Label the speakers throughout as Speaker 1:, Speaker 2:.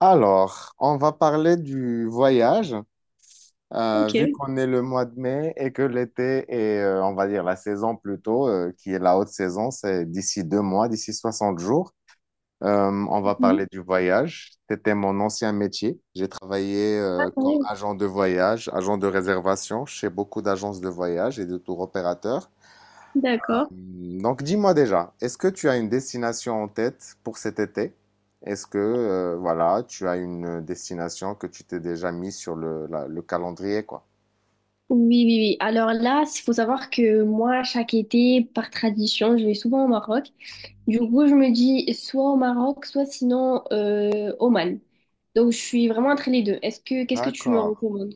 Speaker 1: Alors, on va parler du voyage, vu
Speaker 2: Ok.
Speaker 1: qu'on est le mois de mai et que l'été est, on va dire, la saison plutôt, qui est la haute saison, c'est d'ici 2 mois, d'ici 60 jours. On va
Speaker 2: Mhm.
Speaker 1: parler du voyage. C'était mon ancien métier. J'ai travaillé,
Speaker 2: Ah
Speaker 1: comme
Speaker 2: oui,
Speaker 1: agent de voyage, agent de réservation chez beaucoup d'agences de voyage et de tour opérateurs.
Speaker 2: d'accord.
Speaker 1: Donc dis-moi déjà, est-ce que tu as une destination en tête pour cet été? Est-ce que voilà, tu as une destination que tu t'es déjà mis sur le calendrier, quoi?
Speaker 2: Oui, oui, oui. Alors là, il faut savoir que moi, chaque été, par tradition, je vais souvent au Maroc. Du coup, je me dis soit au Maroc, soit sinon Oman. Donc, je suis vraiment entre les deux. Qu'est-ce que tu me
Speaker 1: D'accord.
Speaker 2: recommandes?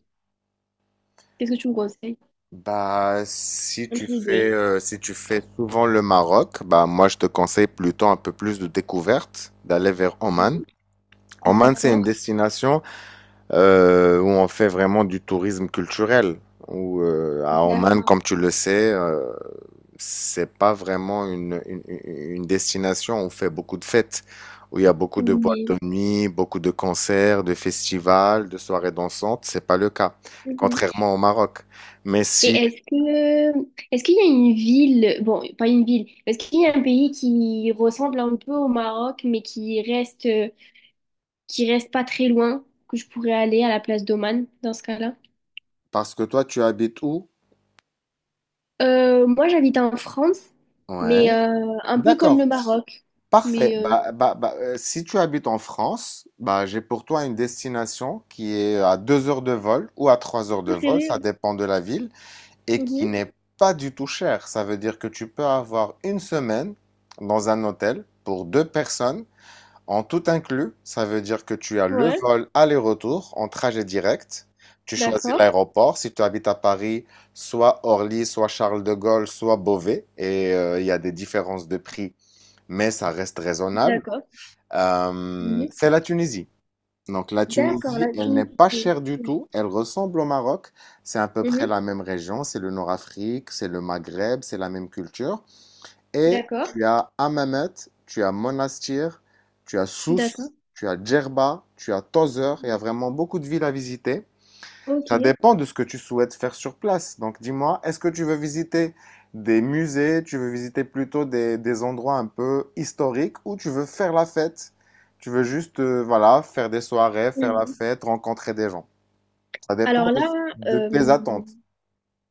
Speaker 2: Qu'est-ce que tu me conseilles?
Speaker 1: Bah si
Speaker 2: Entre
Speaker 1: tu
Speaker 2: les
Speaker 1: fais
Speaker 2: deux.
Speaker 1: si tu fais souvent le Maroc, bah moi je te conseille plutôt un peu plus de découverte, d'aller vers Oman.
Speaker 2: Oui.
Speaker 1: Oman c'est une
Speaker 2: D'accord.
Speaker 1: destination où on fait vraiment du tourisme culturel. Où, à Oman,
Speaker 2: D'accord.
Speaker 1: comme tu le sais, c'est pas vraiment une destination où on fait beaucoup de fêtes, où il y a beaucoup de boîtes
Speaker 2: Oui.
Speaker 1: de nuit, beaucoup de concerts, de festivals, de soirées dansantes. C'est pas le cas,
Speaker 2: Mhm.
Speaker 1: contrairement au Maroc. Mais si,
Speaker 2: Est-ce qu'il y a une ville, bon, pas une ville, est-ce qu'il y a un pays qui ressemble un peu au Maroc, mais qui reste pas très loin, que je pourrais aller à la place d'Oman dans ce cas-là.
Speaker 1: parce que toi, tu habites où?
Speaker 2: Moi, j'habite en France, mais
Speaker 1: Ouais,
Speaker 2: un peu comme le
Speaker 1: d'accord.
Speaker 2: Maroc.
Speaker 1: Parfait.
Speaker 2: Mais
Speaker 1: Si tu habites en France, bah, j'ai pour toi une destination qui est à 2 heures de vol ou à 3 heures de vol, ça
Speaker 2: préféré.
Speaker 1: dépend de la ville, et qui
Speaker 2: Mhm.
Speaker 1: n'est pas du tout chère. Ça veut dire que tu peux avoir une semaine dans un hôtel pour deux personnes, en tout inclus. Ça veut dire que tu as le
Speaker 2: Ouais,
Speaker 1: vol aller-retour en trajet direct. Tu choisis
Speaker 2: d'accord,
Speaker 1: l'aéroport. Si tu habites à Paris, soit Orly, soit Charles de Gaulle, soit Beauvais, et il y a des différences de prix mais ça reste raisonnable.
Speaker 2: d'accord. Oui.
Speaker 1: C'est la Tunisie. Donc la
Speaker 2: D'accord,
Speaker 1: Tunisie,
Speaker 2: la
Speaker 1: elle n'est pas
Speaker 2: Tunisie.
Speaker 1: chère du tout, elle ressemble au Maroc, c'est à peu près
Speaker 2: Mhm.
Speaker 1: la même région, c'est le Nord-Afrique, c'est le Maghreb, c'est la même culture. Et
Speaker 2: D'accord,
Speaker 1: tu as Hammamet, tu as Monastir, tu as
Speaker 2: d'accord.
Speaker 1: Sousse, tu as Djerba, tu as Tozeur, il y a vraiment beaucoup de villes à visiter.
Speaker 2: Ok.
Speaker 1: Ça dépend de ce que tu souhaites faire sur place. Donc dis-moi, est-ce que tu veux visiter des musées, tu veux visiter plutôt des endroits un peu historiques ou tu veux faire la fête? Tu veux juste, voilà, faire des soirées, faire la fête, rencontrer des gens. Ça dépend
Speaker 2: Alors là,
Speaker 1: de
Speaker 2: euh,
Speaker 1: tes attentes.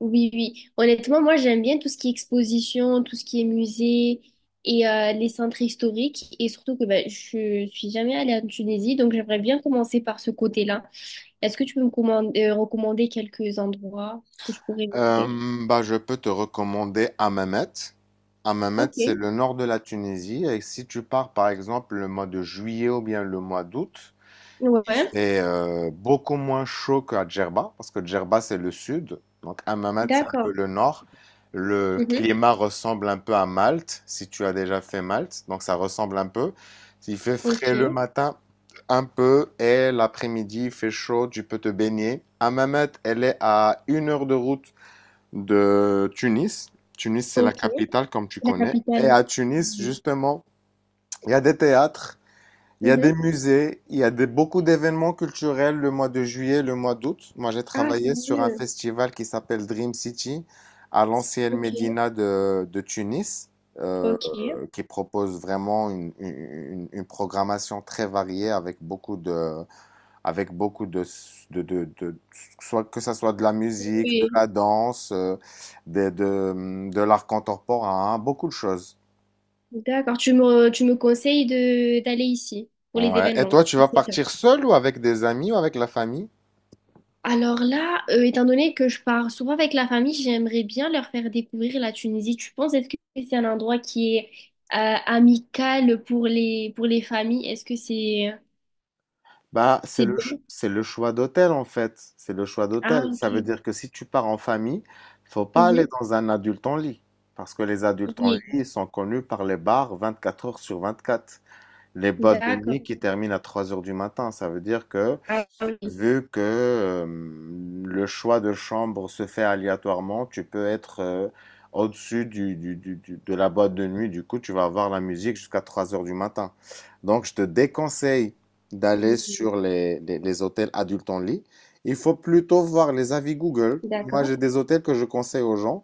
Speaker 2: Oui, oui. Honnêtement, moi, j'aime bien tout ce qui est exposition, tout ce qui est musée et les centres historiques. Et surtout que ben, je suis jamais allée en Tunisie, donc j'aimerais bien commencer par ce côté-là. Est-ce que tu peux recommander quelques endroits où je pourrais visiter?
Speaker 1: Euh, Bah, je peux te recommander Hammamet. Hammamet,
Speaker 2: Ok.
Speaker 1: c'est le nord de la Tunisie. Et si tu pars, par exemple, le mois de juillet ou bien le mois d'août, il
Speaker 2: Ouais.
Speaker 1: fait beaucoup moins chaud qu'à Djerba, parce que Djerba, c'est le sud, donc Hammamet, c'est un peu
Speaker 2: D'accord.
Speaker 1: le nord. Le
Speaker 2: Mhm.
Speaker 1: climat ressemble un peu à Malte, si tu as déjà fait Malte, donc ça ressemble un peu. Il fait frais le
Speaker 2: Ok.
Speaker 1: matin, un peu, et l'après-midi, il fait chaud, tu peux te baigner. Hammamet, elle est à une heure de route de Tunis. Tunis, c'est la
Speaker 2: Ok.
Speaker 1: capitale, comme tu
Speaker 2: C'est la
Speaker 1: connais. Et
Speaker 2: capitale.
Speaker 1: à Tunis,
Speaker 2: Mhm.
Speaker 1: justement, il y a des théâtres. Il y a des
Speaker 2: Mhm.
Speaker 1: musées, il y a des, beaucoup d'événements culturels le mois de juillet, le mois d'août. Moi, j'ai
Speaker 2: Ah,
Speaker 1: travaillé sur un
Speaker 2: sérieux?
Speaker 1: festival qui s'appelle Dream City à l'ancienne
Speaker 2: Ok.
Speaker 1: Médina de Tunis, euh,
Speaker 2: Ok.
Speaker 1: qui propose vraiment une programmation très variée avec beaucoup de- soit que ça soit de la musique, de
Speaker 2: Oui.
Speaker 1: la danse, de l'art contemporain, hein, beaucoup de choses.
Speaker 2: D'accord. Tu me conseilles de d'aller ici pour les
Speaker 1: Ouais. Et
Speaker 2: événements.
Speaker 1: toi, tu vas partir seul ou avec des amis ou avec la famille?
Speaker 2: Alors là, étant donné que je pars souvent avec la famille, j'aimerais bien leur faire découvrir la Tunisie. Tu penses, est-ce que c'est un endroit qui est amical pour pour les familles? Est-ce que
Speaker 1: Bah, c'est
Speaker 2: c'est bien?
Speaker 1: c'est le choix d'hôtel en fait. C'est le choix d'hôtel.
Speaker 2: Ah, ok.
Speaker 1: Ça veut dire que si tu pars en famille, faut pas aller
Speaker 2: Mhm.
Speaker 1: dans un adulte en lit. Parce que les adultes en lit,
Speaker 2: Oui,
Speaker 1: ils sont connus par les bars 24 heures sur 24, les bas de
Speaker 2: d'accord.
Speaker 1: nuit qui terminent à 3 heures du matin. Ça veut dire que
Speaker 2: Ah oui,
Speaker 1: vu que le choix de chambre se fait aléatoirement, tu peux être au-dessus de la boîte de nuit. Du coup, tu vas avoir la musique jusqu'à 3 heures du matin. Donc, je te déconseille d'aller sur les hôtels adultes en lit. Il faut plutôt voir les avis Google. Moi,
Speaker 2: d'accord.
Speaker 1: j'ai des hôtels que je conseille aux gens.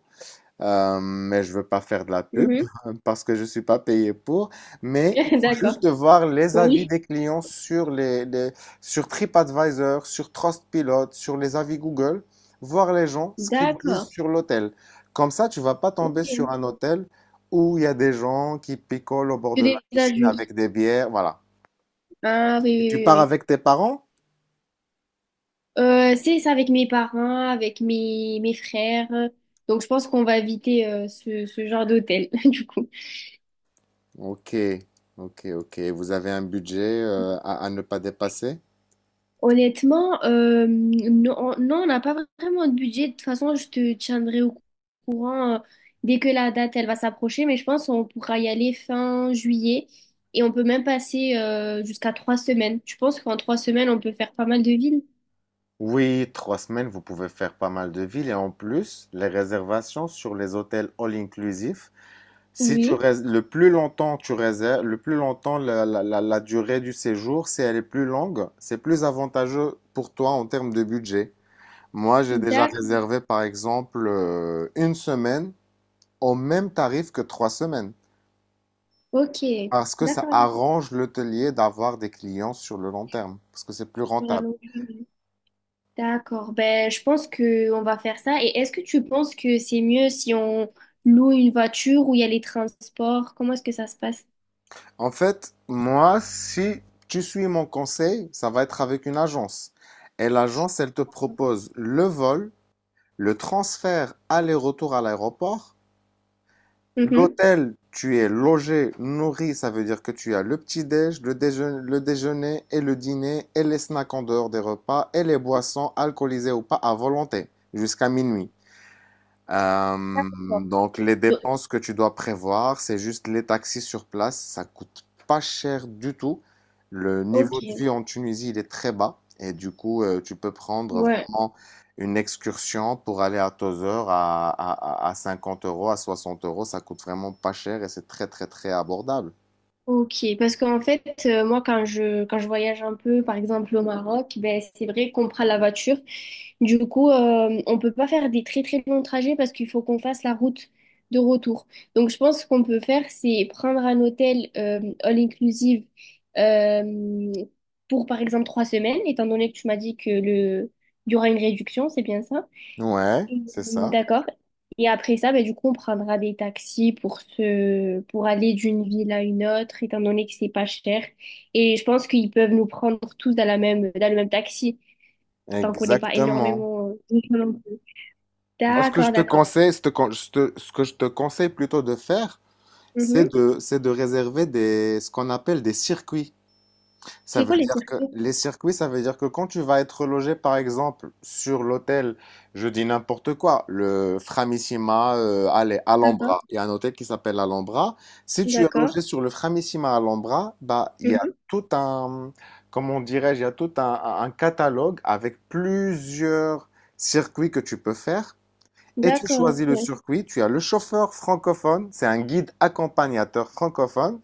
Speaker 1: Mais je veux pas faire de la pub
Speaker 2: Mhm.
Speaker 1: hein, parce que je suis pas payé pour. Mais il faut
Speaker 2: D'accord.
Speaker 1: juste de voir les avis
Speaker 2: Oui,
Speaker 1: des clients sur sur TripAdvisor, sur Trustpilot, sur les avis Google, voir les gens ce qu'ils disent
Speaker 2: d'accord.
Speaker 1: sur l'hôtel. Comme ça, tu vas pas tomber sur
Speaker 2: Ok.
Speaker 1: un hôtel où il y a des gens qui picolent au bord
Speaker 2: Que
Speaker 1: de la
Speaker 2: des
Speaker 1: piscine
Speaker 2: adultes.
Speaker 1: avec des bières, voilà.
Speaker 2: Ah oui,
Speaker 1: Et
Speaker 2: oui,
Speaker 1: tu
Speaker 2: oui.
Speaker 1: pars
Speaker 2: oui.
Speaker 1: avec tes parents?
Speaker 2: C'est ça avec mes parents, avec mes frères. Donc je pense qu'on va éviter ce, ce genre d'hôtel, du coup.
Speaker 1: Ok, ok, ok. Vous avez un budget à ne pas dépasser?
Speaker 2: Honnêtement, non, non, on n'a pas vraiment de budget. De toute façon, je te tiendrai au courant dès que la date, elle va s'approcher. Mais je pense qu'on pourra y aller fin juillet. Et on peut même passer jusqu'à 3 semaines. Je pense qu'en 3 semaines, on peut faire pas mal de villes.
Speaker 1: Oui, trois semaines, vous pouvez faire pas mal de villes et en plus, les réservations sur les hôtels all inclusifs si
Speaker 2: Oui,
Speaker 1: le plus longtemps tu réserves, le plus longtemps la durée du séjour, si elle est plus longue, c'est plus avantageux pour toi en termes de budget. Moi, j'ai déjà
Speaker 2: d'accord.
Speaker 1: réservé par exemple une semaine au même tarif que 3 semaines
Speaker 2: Ok,
Speaker 1: parce que ça
Speaker 2: d'accord.
Speaker 1: arrange l'hôtelier d'avoir des clients sur le long terme parce que c'est plus
Speaker 2: Sur la
Speaker 1: rentable.
Speaker 2: longueur. D'accord, ben, je pense que on va faire ça. Et est-ce que tu penses que c'est mieux si on loue une voiture ou il y a les transports? Comment est-ce que ça se passe?
Speaker 1: En fait, moi, si tu suis mon conseil, ça va être avec une agence. Et l'agence, elle te propose le vol, le transfert aller-retour à l'aéroport,
Speaker 2: Mhm.
Speaker 1: l'hôtel, tu es logé, nourri, ça veut dire que tu as le petit-déj, le déjeuner et le dîner et les snacks en dehors des repas et les boissons alcoolisées ou pas à volonté jusqu'à minuit.
Speaker 2: D'accord.
Speaker 1: Donc les
Speaker 2: Donc,
Speaker 1: dépenses que tu dois prévoir, c'est juste les taxis sur place. Ça coûte pas cher du tout. Le
Speaker 2: ok,
Speaker 1: niveau de vie en Tunisie, il est très bas. Et du coup, tu peux prendre
Speaker 2: ouais.
Speaker 1: vraiment une excursion pour aller à Tozeur à 50 euros, à 60 euros. Ça coûte vraiment pas cher et c'est très, très, très abordable.
Speaker 2: Ok, parce qu'en fait, moi, quand je voyage un peu, par exemple au Maroc, ben, c'est vrai qu'on prend la voiture. Du coup, on peut pas faire des très très longs trajets parce qu'il faut qu'on fasse la route de retour. Donc, je pense qu'on peut faire, c'est prendre un hôtel all inclusive euh, pour, par exemple, 3 semaines, étant donné que tu m'as dit que le, il y aura une réduction, c'est bien ça?
Speaker 1: Ouais, c'est
Speaker 2: Mm,
Speaker 1: ça.
Speaker 2: d'accord. Et après ça, ben, du coup, on prendra des taxis pour se, pour aller d'une ville à une autre, étant donné que c'est pas cher. Et je pense qu'ils peuvent nous prendre tous dans dans le même taxi, tant qu'on n'est pas
Speaker 1: Exactement.
Speaker 2: énormément. De gens non plus.
Speaker 1: Moi, ce que
Speaker 2: D'accord,
Speaker 1: je te
Speaker 2: d'accord.
Speaker 1: conseille, ce que je te conseille plutôt de faire, c'est
Speaker 2: Mhm.
Speaker 1: c'est de réserver des, ce qu'on appelle des circuits. Ça
Speaker 2: C'est quoi
Speaker 1: veut
Speaker 2: les
Speaker 1: dire que
Speaker 2: circuits?
Speaker 1: les circuits, ça veut dire que quand tu vas être logé, par exemple, sur l'hôtel, je dis n'importe quoi, le Framissima, allez,
Speaker 2: D'accord,
Speaker 1: Alhambra. Il y a un hôtel qui s'appelle Alhambra. Si tu es
Speaker 2: d'accord.
Speaker 1: logé sur le Framissima Alhambra, bah, il y a
Speaker 2: Mhm.
Speaker 1: tout un, comment dirais-je, il y a tout un catalogue avec plusieurs circuits que tu peux faire. Et tu
Speaker 2: D'accord.
Speaker 1: choisis le
Speaker 2: Ok.
Speaker 1: circuit, tu as le chauffeur francophone, c'est un guide accompagnateur francophone,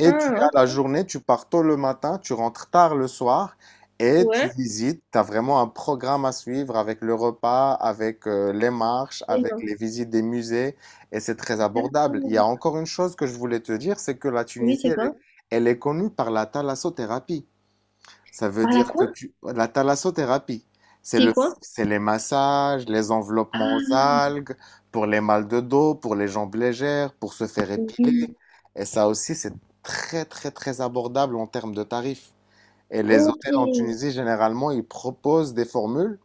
Speaker 1: et tu
Speaker 2: Ah,
Speaker 1: as la
Speaker 2: ok.
Speaker 1: journée, tu pars tôt le matin, tu rentres tard le soir, et tu
Speaker 2: Ouais.
Speaker 1: visites, tu as vraiment un programme à suivre avec le repas, avec les marches,
Speaker 2: Mais
Speaker 1: avec
Speaker 2: non.
Speaker 1: les visites des musées, et c'est très abordable. Il y a
Speaker 2: D'accord.
Speaker 1: encore une chose que je voulais te dire, c'est que la
Speaker 2: Oui,
Speaker 1: Tunisie,
Speaker 2: c'est quoi?
Speaker 1: elle est connue par la thalassothérapie. Ça veut
Speaker 2: Par la
Speaker 1: dire que
Speaker 2: quoi?
Speaker 1: tu... La thalassothérapie, c'est
Speaker 2: C'est
Speaker 1: le...
Speaker 2: quoi?
Speaker 1: c'est les massages, les enveloppements aux
Speaker 2: Ah,
Speaker 1: algues, pour les mal de dos, pour les jambes légères, pour se faire épiler.
Speaker 2: oui.
Speaker 1: Et ça aussi, c'est très, très, très abordable en termes de tarifs. Et les
Speaker 2: Ok.
Speaker 1: hôtels en Tunisie, généralement, ils proposent des formules.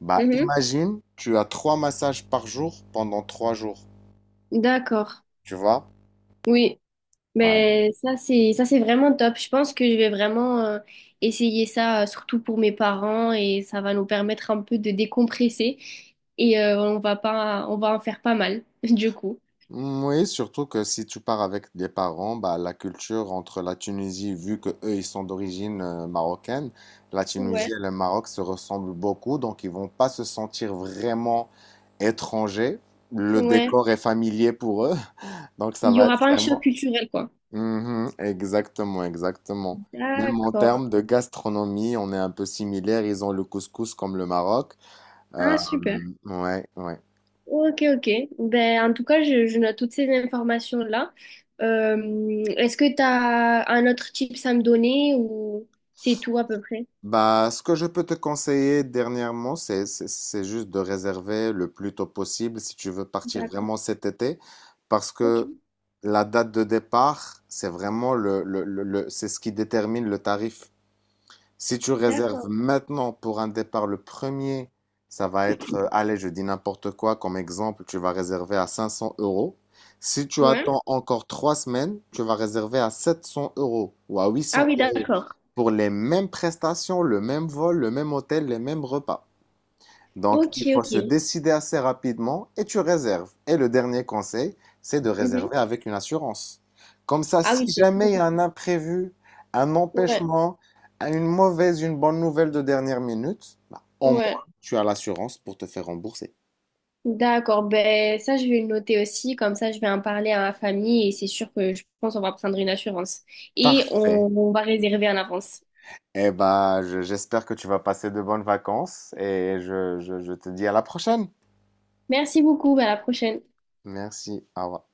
Speaker 1: Bah,
Speaker 2: Mhm.
Speaker 1: imagine, tu as 3 massages par jour pendant 3 jours.
Speaker 2: D'accord.
Speaker 1: Tu vois?
Speaker 2: Oui.
Speaker 1: Ouais.
Speaker 2: Mais ça, c'est vraiment top. Je pense que je vais vraiment essayer ça, surtout pour mes parents, et ça va nous permettre un peu de décompresser. Et on va pas, on va en faire pas mal, du coup.
Speaker 1: Mm, oui, surtout que si tu pars avec des parents, bah, la culture entre la Tunisie, vu que eux ils sont d'origine marocaine, la Tunisie
Speaker 2: Ouais,
Speaker 1: et le Maroc se ressemblent beaucoup, donc ils vont pas se sentir vraiment étrangers. Le
Speaker 2: ouais.
Speaker 1: décor est familier pour eux, donc ça
Speaker 2: Il y
Speaker 1: va
Speaker 2: aura
Speaker 1: être
Speaker 2: pas un choc
Speaker 1: vraiment.
Speaker 2: culturel, quoi.
Speaker 1: Mhm, exactement, exactement. Même en
Speaker 2: D'accord.
Speaker 1: termes de gastronomie, on est un peu similaire. Ils ont le couscous comme le Maroc. Euh,
Speaker 2: Ah, super.
Speaker 1: ouais, ouais.
Speaker 2: Ok, ok. Ben, en tout cas, je note toutes ces informations-là. Est-ce que tu as un autre tips à me donner ou c'est tout à peu près?
Speaker 1: Bah, ce que je peux te conseiller dernièrement, c'est juste de réserver le plus tôt possible si tu veux partir
Speaker 2: D'accord.
Speaker 1: vraiment cet été, parce
Speaker 2: Ok.
Speaker 1: que la date de départ, c'est vraiment c'est ce qui détermine le tarif. Si tu réserves
Speaker 2: D'accord.
Speaker 1: maintenant pour un départ le premier, ça va être, allez, je dis n'importe quoi, comme exemple, tu vas réserver à 500 euros. Si tu
Speaker 2: Ouais.
Speaker 1: attends encore 3 semaines, tu vas réserver à 700 € ou à
Speaker 2: Ah
Speaker 1: 800
Speaker 2: oui,
Speaker 1: euros
Speaker 2: d'accord.
Speaker 1: pour les mêmes prestations, le même vol, le même hôtel, les mêmes repas. Donc,
Speaker 2: Ok,
Speaker 1: il faut
Speaker 2: ok.
Speaker 1: se décider assez rapidement et tu réserves. Et le dernier conseil, c'est de
Speaker 2: Mhm.
Speaker 1: réserver avec une assurance. Comme ça,
Speaker 2: Ah
Speaker 1: si
Speaker 2: oui, c'est très
Speaker 1: jamais il y a
Speaker 2: important.
Speaker 1: un imprévu, un
Speaker 2: Ouais,
Speaker 1: empêchement, une mauvaise, une bonne nouvelle de dernière minute, bah, au moins,
Speaker 2: ouais.
Speaker 1: tu as l'assurance pour te faire rembourser.
Speaker 2: D'accord. Ben, ça, je vais le noter aussi. Comme ça, je vais en parler à ma famille et c'est sûr que je pense qu'on va prendre une assurance. Et
Speaker 1: Parfait.
Speaker 2: on va réserver en avance.
Speaker 1: Eh ben, j'espère que tu vas passer de bonnes vacances et je te dis à la prochaine.
Speaker 2: Merci beaucoup. Ben, à la prochaine.
Speaker 1: Merci. Au revoir.